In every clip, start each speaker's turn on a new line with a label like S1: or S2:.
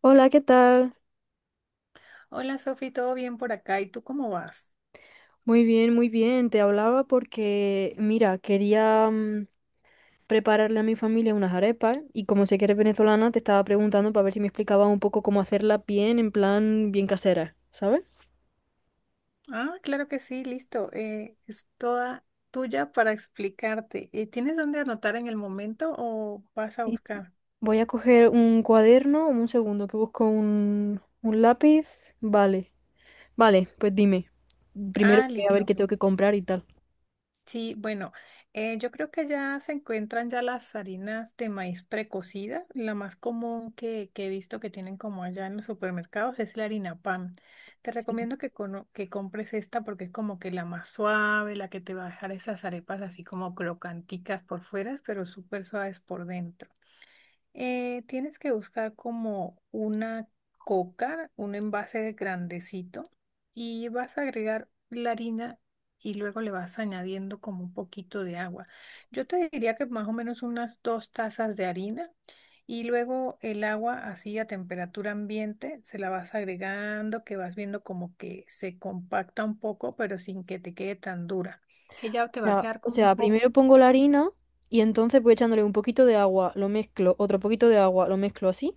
S1: Hola, ¿qué tal?
S2: Hola Sofi, ¿todo bien por acá? ¿Y tú cómo vas?
S1: Muy bien, muy bien. Te hablaba porque, mira, quería prepararle a mi familia unas arepas y como sé que eres venezolana, te estaba preguntando para ver si me explicabas un poco cómo hacerla bien, en plan, bien casera, ¿sabes?
S2: Ah, claro que sí, listo. Es toda tuya para explicarte. ¿Tienes dónde anotar en el momento o vas a
S1: Sí.
S2: buscar?
S1: Voy a coger un cuaderno, un segundo, que busco un lápiz. Vale, vale, pues dime. Primero
S2: Ah,
S1: voy a ver
S2: listo.
S1: qué tengo que comprar y tal.
S2: Sí, bueno, yo creo que ya se encuentran ya las harinas de maíz precocida. La más común que he visto que tienen como allá en los supermercados es la harina pan. Te
S1: Sí.
S2: recomiendo que compres esta porque es como que la más suave, la que te va a dejar esas arepas así como crocanticas por fuera, pero súper suaves por dentro. Tienes que buscar como una coca, un envase grandecito, y vas a agregar la harina y luego le vas añadiendo como un poquito de agua. Yo te diría que más o menos unas 2 tazas de harina y luego el agua así a temperatura ambiente se la vas agregando, que vas viendo como que se compacta un poco, pero sin que te quede tan dura. Ella te va a
S1: Ya,
S2: quedar
S1: o
S2: como
S1: sea,
S2: un poco.
S1: primero pongo la harina y entonces voy echándole un poquito de agua, lo mezclo, otro poquito de agua, lo mezclo así.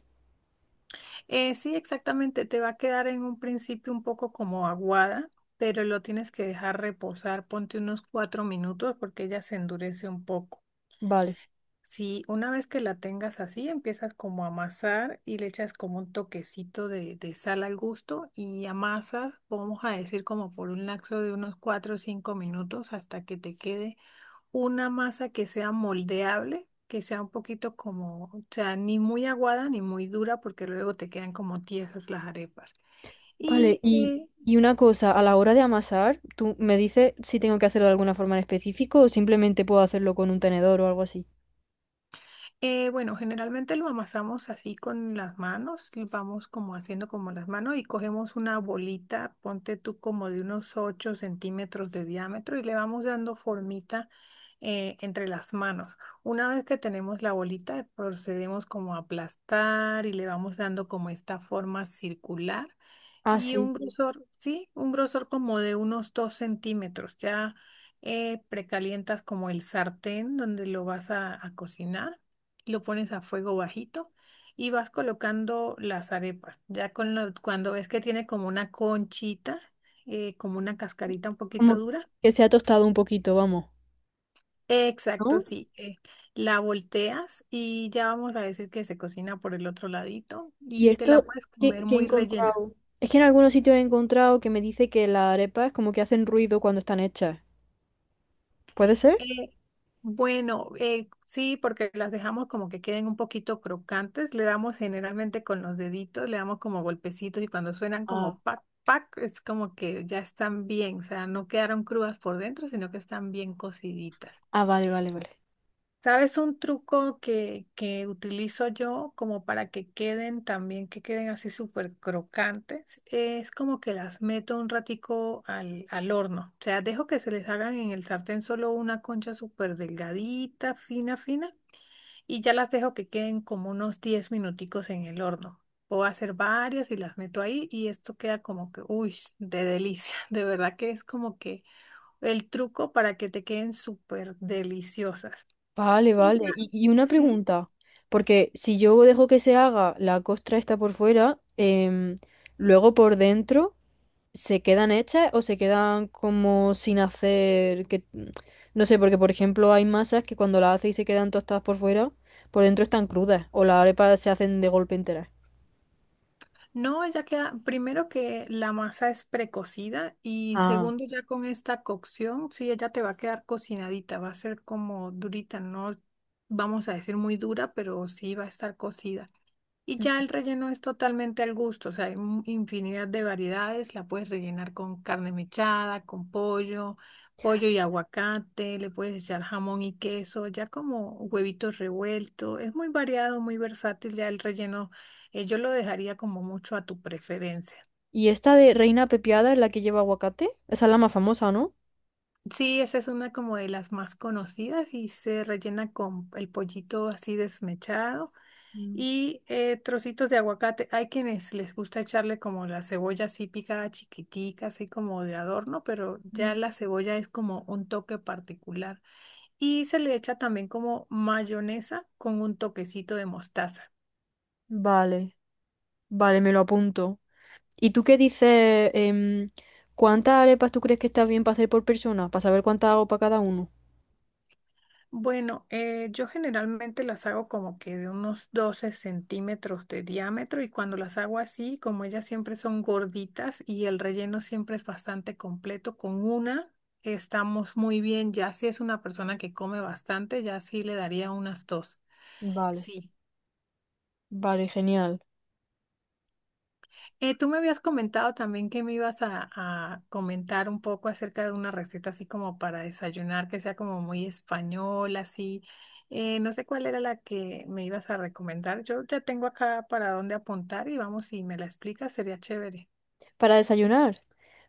S2: Sí, exactamente. Te va a quedar en un principio un poco como aguada, pero lo tienes que dejar reposar. Ponte unos 4 minutos porque ella se endurece un poco.
S1: Vale,
S2: Si una vez que la tengas así, empiezas como a amasar y le echas como un toquecito de sal al gusto y amasas, vamos a decir como por un lapso de unos 4 o 5 minutos hasta que te quede una masa que sea moldeable, que sea un poquito como, o sea, ni muy aguada ni muy dura, porque luego te quedan como tiesas las arepas.
S1: vale.
S2: Y eh,
S1: Y una cosa, a la hora de amasar, ¿tú me dices si tengo que hacerlo de alguna forma en específico o simplemente puedo hacerlo con un tenedor o algo así?
S2: Bueno, generalmente lo amasamos así con las manos, y vamos como haciendo como las manos y cogemos una bolita, ponte tú como de unos 8 centímetros de diámetro y le vamos dando formita entre las manos. Una vez que tenemos la bolita, procedemos como a aplastar y le vamos dando como esta forma circular.
S1: Ah,
S2: Y
S1: sí.
S2: un
S1: Sí.
S2: grosor, sí, un grosor como de unos 2 centímetros. Ya precalientas como el sartén donde lo vas a cocinar, lo pones a fuego bajito y vas colocando las arepas. Ya cuando ves que tiene como una conchita, como una cascarita un poquito
S1: Como
S2: dura.
S1: que se ha tostado un poquito, vamos.
S2: Exacto,
S1: ¿No?
S2: sí. La volteas y ya vamos a decir que se cocina por el otro ladito
S1: Y
S2: y te
S1: esto
S2: la puedes
S1: que,
S2: comer
S1: que he
S2: muy rellena.
S1: encontrado. Es que en algunos sitios he encontrado que me dice que las arepas como que hacen ruido cuando están hechas. ¿Puede ser?
S2: Eh, bueno, sí, porque las dejamos como que queden un poquito crocantes. Le damos generalmente con los deditos, le damos como golpecitos y cuando suenan
S1: Ah,
S2: como pac, pac, es como que ya están bien, o sea, no quedaron crudas por dentro, sino que están bien cociditas.
S1: ah, vale, vale, vale.
S2: ¿Sabes un truco que utilizo yo como para que queden también, que queden así súper crocantes? Es como que las meto un ratico al horno. O sea, dejo que se les hagan en el sartén solo una concha súper delgadita, fina, fina, y ya las dejo que queden como unos 10 minuticos en el horno. Puedo hacer varias y las meto ahí y esto queda como que, uy, de delicia. De verdad que es como que el truco para que te queden súper deliciosas.
S1: Vale,
S2: Y ya,
S1: vale. Y una
S2: sí.
S1: pregunta, porque si yo dejo que se haga la costra esta por fuera, luego por dentro, ¿se quedan hechas o se quedan como sin hacer que... No sé, porque por ejemplo hay masas que cuando las haces y se quedan tostadas por fuera, por dentro están crudas o las arepas se hacen de golpe enteras.
S2: No, ya queda, primero que la masa es precocida y
S1: Ah.
S2: segundo ya con esta cocción, sí, ella te va a quedar cocinadita, va a ser como durita, no vamos a decir muy dura, pero sí va a estar cocida. Y
S1: Mm.
S2: ya el relleno es totalmente al gusto, o sea, hay infinidad de variedades, la puedes rellenar con carne mechada, con pollo, pollo y aguacate, le puedes echar jamón y queso, ya como huevitos revueltos, es muy variado, muy versátil, ya el relleno, yo lo dejaría como mucho a tu preferencia.
S1: Y esta de reina pepiada es la que lleva aguacate, esa es la más famosa, ¿no?
S2: Sí, esa es una como de las más conocidas y se rellena con el pollito así desmechado
S1: Mm.
S2: y trocitos de aguacate. Hay quienes les gusta echarle como la cebolla así picada chiquitica, así como de adorno, pero ya la cebolla es como un toque particular. Y se le echa también como mayonesa con un toquecito de mostaza.
S1: Vale, vale, me lo apunto. ¿Y tú qué dices? ¿Cuántas arepas tú crees que está bien para hacer por persona? Para saber cuántas hago para cada uno.
S2: Bueno, yo generalmente las hago como que de unos 12 centímetros de diámetro y cuando las hago así, como ellas siempre son gorditas y el relleno siempre es bastante completo, con una estamos muy bien, ya si es una persona que come bastante, ya sí le daría unas dos.
S1: Vale,
S2: Sí.
S1: vale, genial.
S2: Tú me habías comentado también que me ibas a comentar un poco acerca de una receta así como para desayunar, que sea como muy española, así. No sé cuál era la que me ibas a recomendar. Yo ya tengo acá para dónde apuntar y vamos, si me la explicas, sería chévere.
S1: ¿Para desayunar?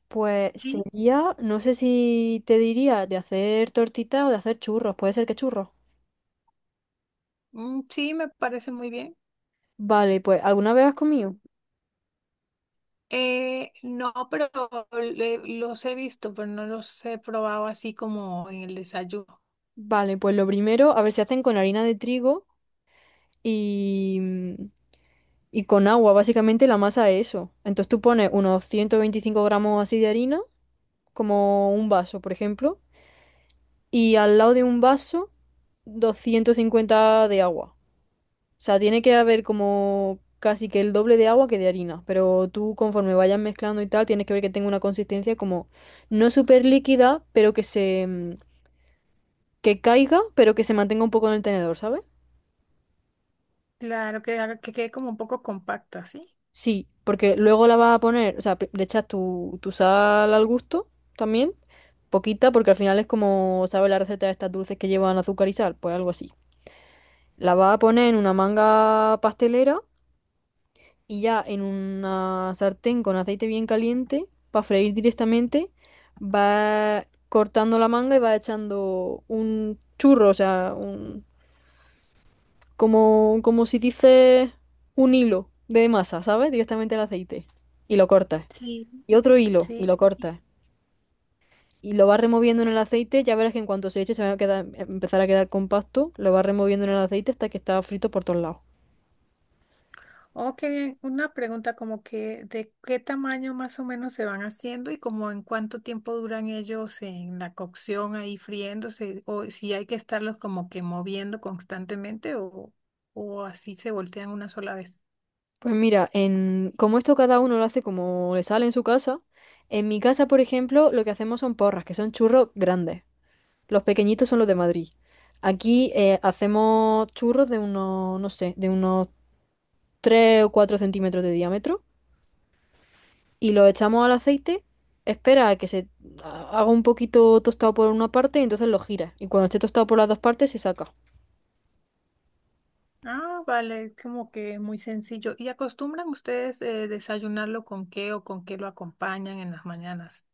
S1: Pues
S2: Sí,
S1: sería, no sé si te diría de hacer tortitas o de hacer churros. Puede ser que churros.
S2: mm, sí, me parece muy bien.
S1: Vale, pues ¿alguna vez has comido?
S2: No, pero los he visto, pero no los he probado así como en el desayuno.
S1: Vale, pues lo primero, a ver si hacen con harina de trigo y, y con agua. Básicamente la masa es eso. Entonces tú pones unos 125 gramos así de harina, como un vaso, por ejemplo. Y al lado de un vaso 250 de agua. O sea, tiene que haber como casi que el doble de agua que de harina, pero tú conforme vayas mezclando y tal, tienes que ver que tenga una consistencia como no súper líquida, pero que se que caiga, pero que se mantenga un poco en el tenedor, ¿sabes?
S2: Claro, que quede como un poco compacta, ¿sí?
S1: Sí, porque luego la vas a poner, o sea, le echas tu sal al gusto también, poquita, porque al final es como, ¿sabes? La receta de estas dulces que llevan azúcar y sal, pues algo así. La vas a poner en una manga pastelera y ya en una sartén con aceite bien caliente, para freír directamente, va cortando la manga y va echando un churro, o sea, un, como, como si dices un hilo de masa, ¿sabes? Directamente al aceite. Y lo cortas.
S2: Sí.
S1: Y otro hilo, y
S2: Sí.
S1: lo cortas. Y lo vas removiendo en el aceite, ya verás que en cuanto se eche se va a quedar, empezar a quedar compacto, lo vas removiendo en el aceite hasta que está frito por todos lados.
S2: Oh, qué bien. Una pregunta como que de qué tamaño más o menos se van haciendo y como en cuánto tiempo duran ellos en la cocción ahí friéndose o si hay que estarlos como que moviendo constantemente o así se voltean una sola vez.
S1: Pues mira, en, como esto cada uno lo hace como le sale en su casa, en mi casa, por ejemplo, lo que hacemos son porras, que son churros grandes. Los pequeñitos son los de Madrid. Aquí hacemos churros de unos, no sé, de unos 3 o 4 centímetros de diámetro y los echamos al aceite. Espera a que se haga un poquito tostado por una parte y entonces lo giras. Y cuando esté tostado por las dos partes se saca.
S2: Ah, vale, como que muy sencillo. ¿Y acostumbran ustedes desayunarlo con qué o con qué lo acompañan en las mañanas?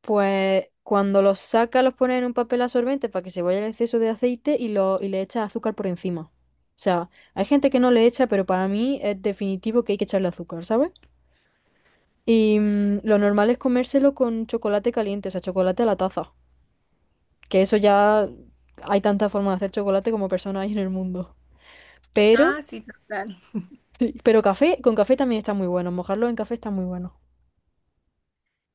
S1: Pues cuando los sacas los pones en un papel absorbente para que se vaya el exceso de aceite y, lo, y le echas azúcar por encima. O sea, hay gente que no le echa, pero para mí es definitivo que hay que echarle azúcar, ¿sabes? Y lo normal es comérselo con chocolate caliente, o sea, chocolate a la taza. Que eso ya hay tantas formas de hacer chocolate como personas hay en el mundo. Pero,
S2: Ah, sí, total.
S1: sí. Pero café, con café también está muy bueno. Mojarlo en café está muy bueno.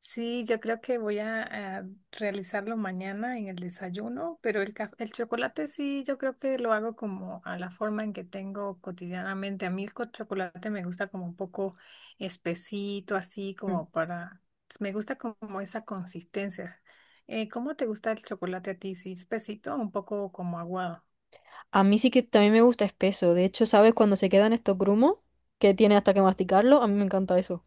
S2: Sí, yo creo que voy a realizarlo mañana en el desayuno, pero el chocolate sí, yo creo que lo hago como a la forma en que tengo cotidianamente. A mí el chocolate me gusta como un poco espesito, así
S1: Mm.
S2: como para, me gusta como esa consistencia. ¿Cómo te gusta el chocolate a ti? ¿Sí espesito o un poco como aguado?
S1: A mí sí que también me gusta espeso. De hecho, ¿sabes cuando se quedan estos grumos? Que tiene hasta que masticarlo. A mí me encanta eso.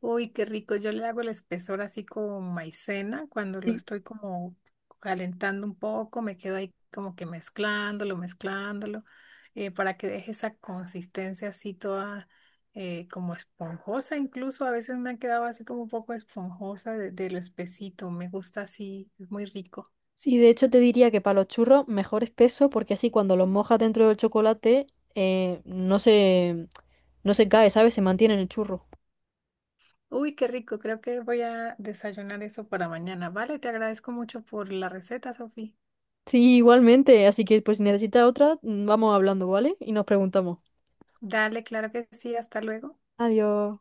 S2: Uy, qué rico. Yo le hago el espesor así con maicena cuando lo
S1: Sí,
S2: estoy como calentando un poco, me quedo ahí como que mezclándolo, mezclándolo, para que deje esa consistencia así toda como esponjosa. Incluso a veces me ha quedado así como un poco esponjosa de lo espesito. Me gusta así, es muy rico.
S1: sí, de hecho te diría que para los churros mejor espeso porque así cuando los mojas dentro del chocolate no se, no se cae, ¿sabes? Se mantiene en el churro.
S2: Uy, qué rico. Creo que voy a desayunar eso para mañana. Vale, te agradezco mucho por la receta, Sofía.
S1: Sí, igualmente. Así que pues si necesitas otra, vamos hablando, ¿vale? Y nos preguntamos.
S2: Dale, claro que sí. Hasta luego.
S1: Adiós.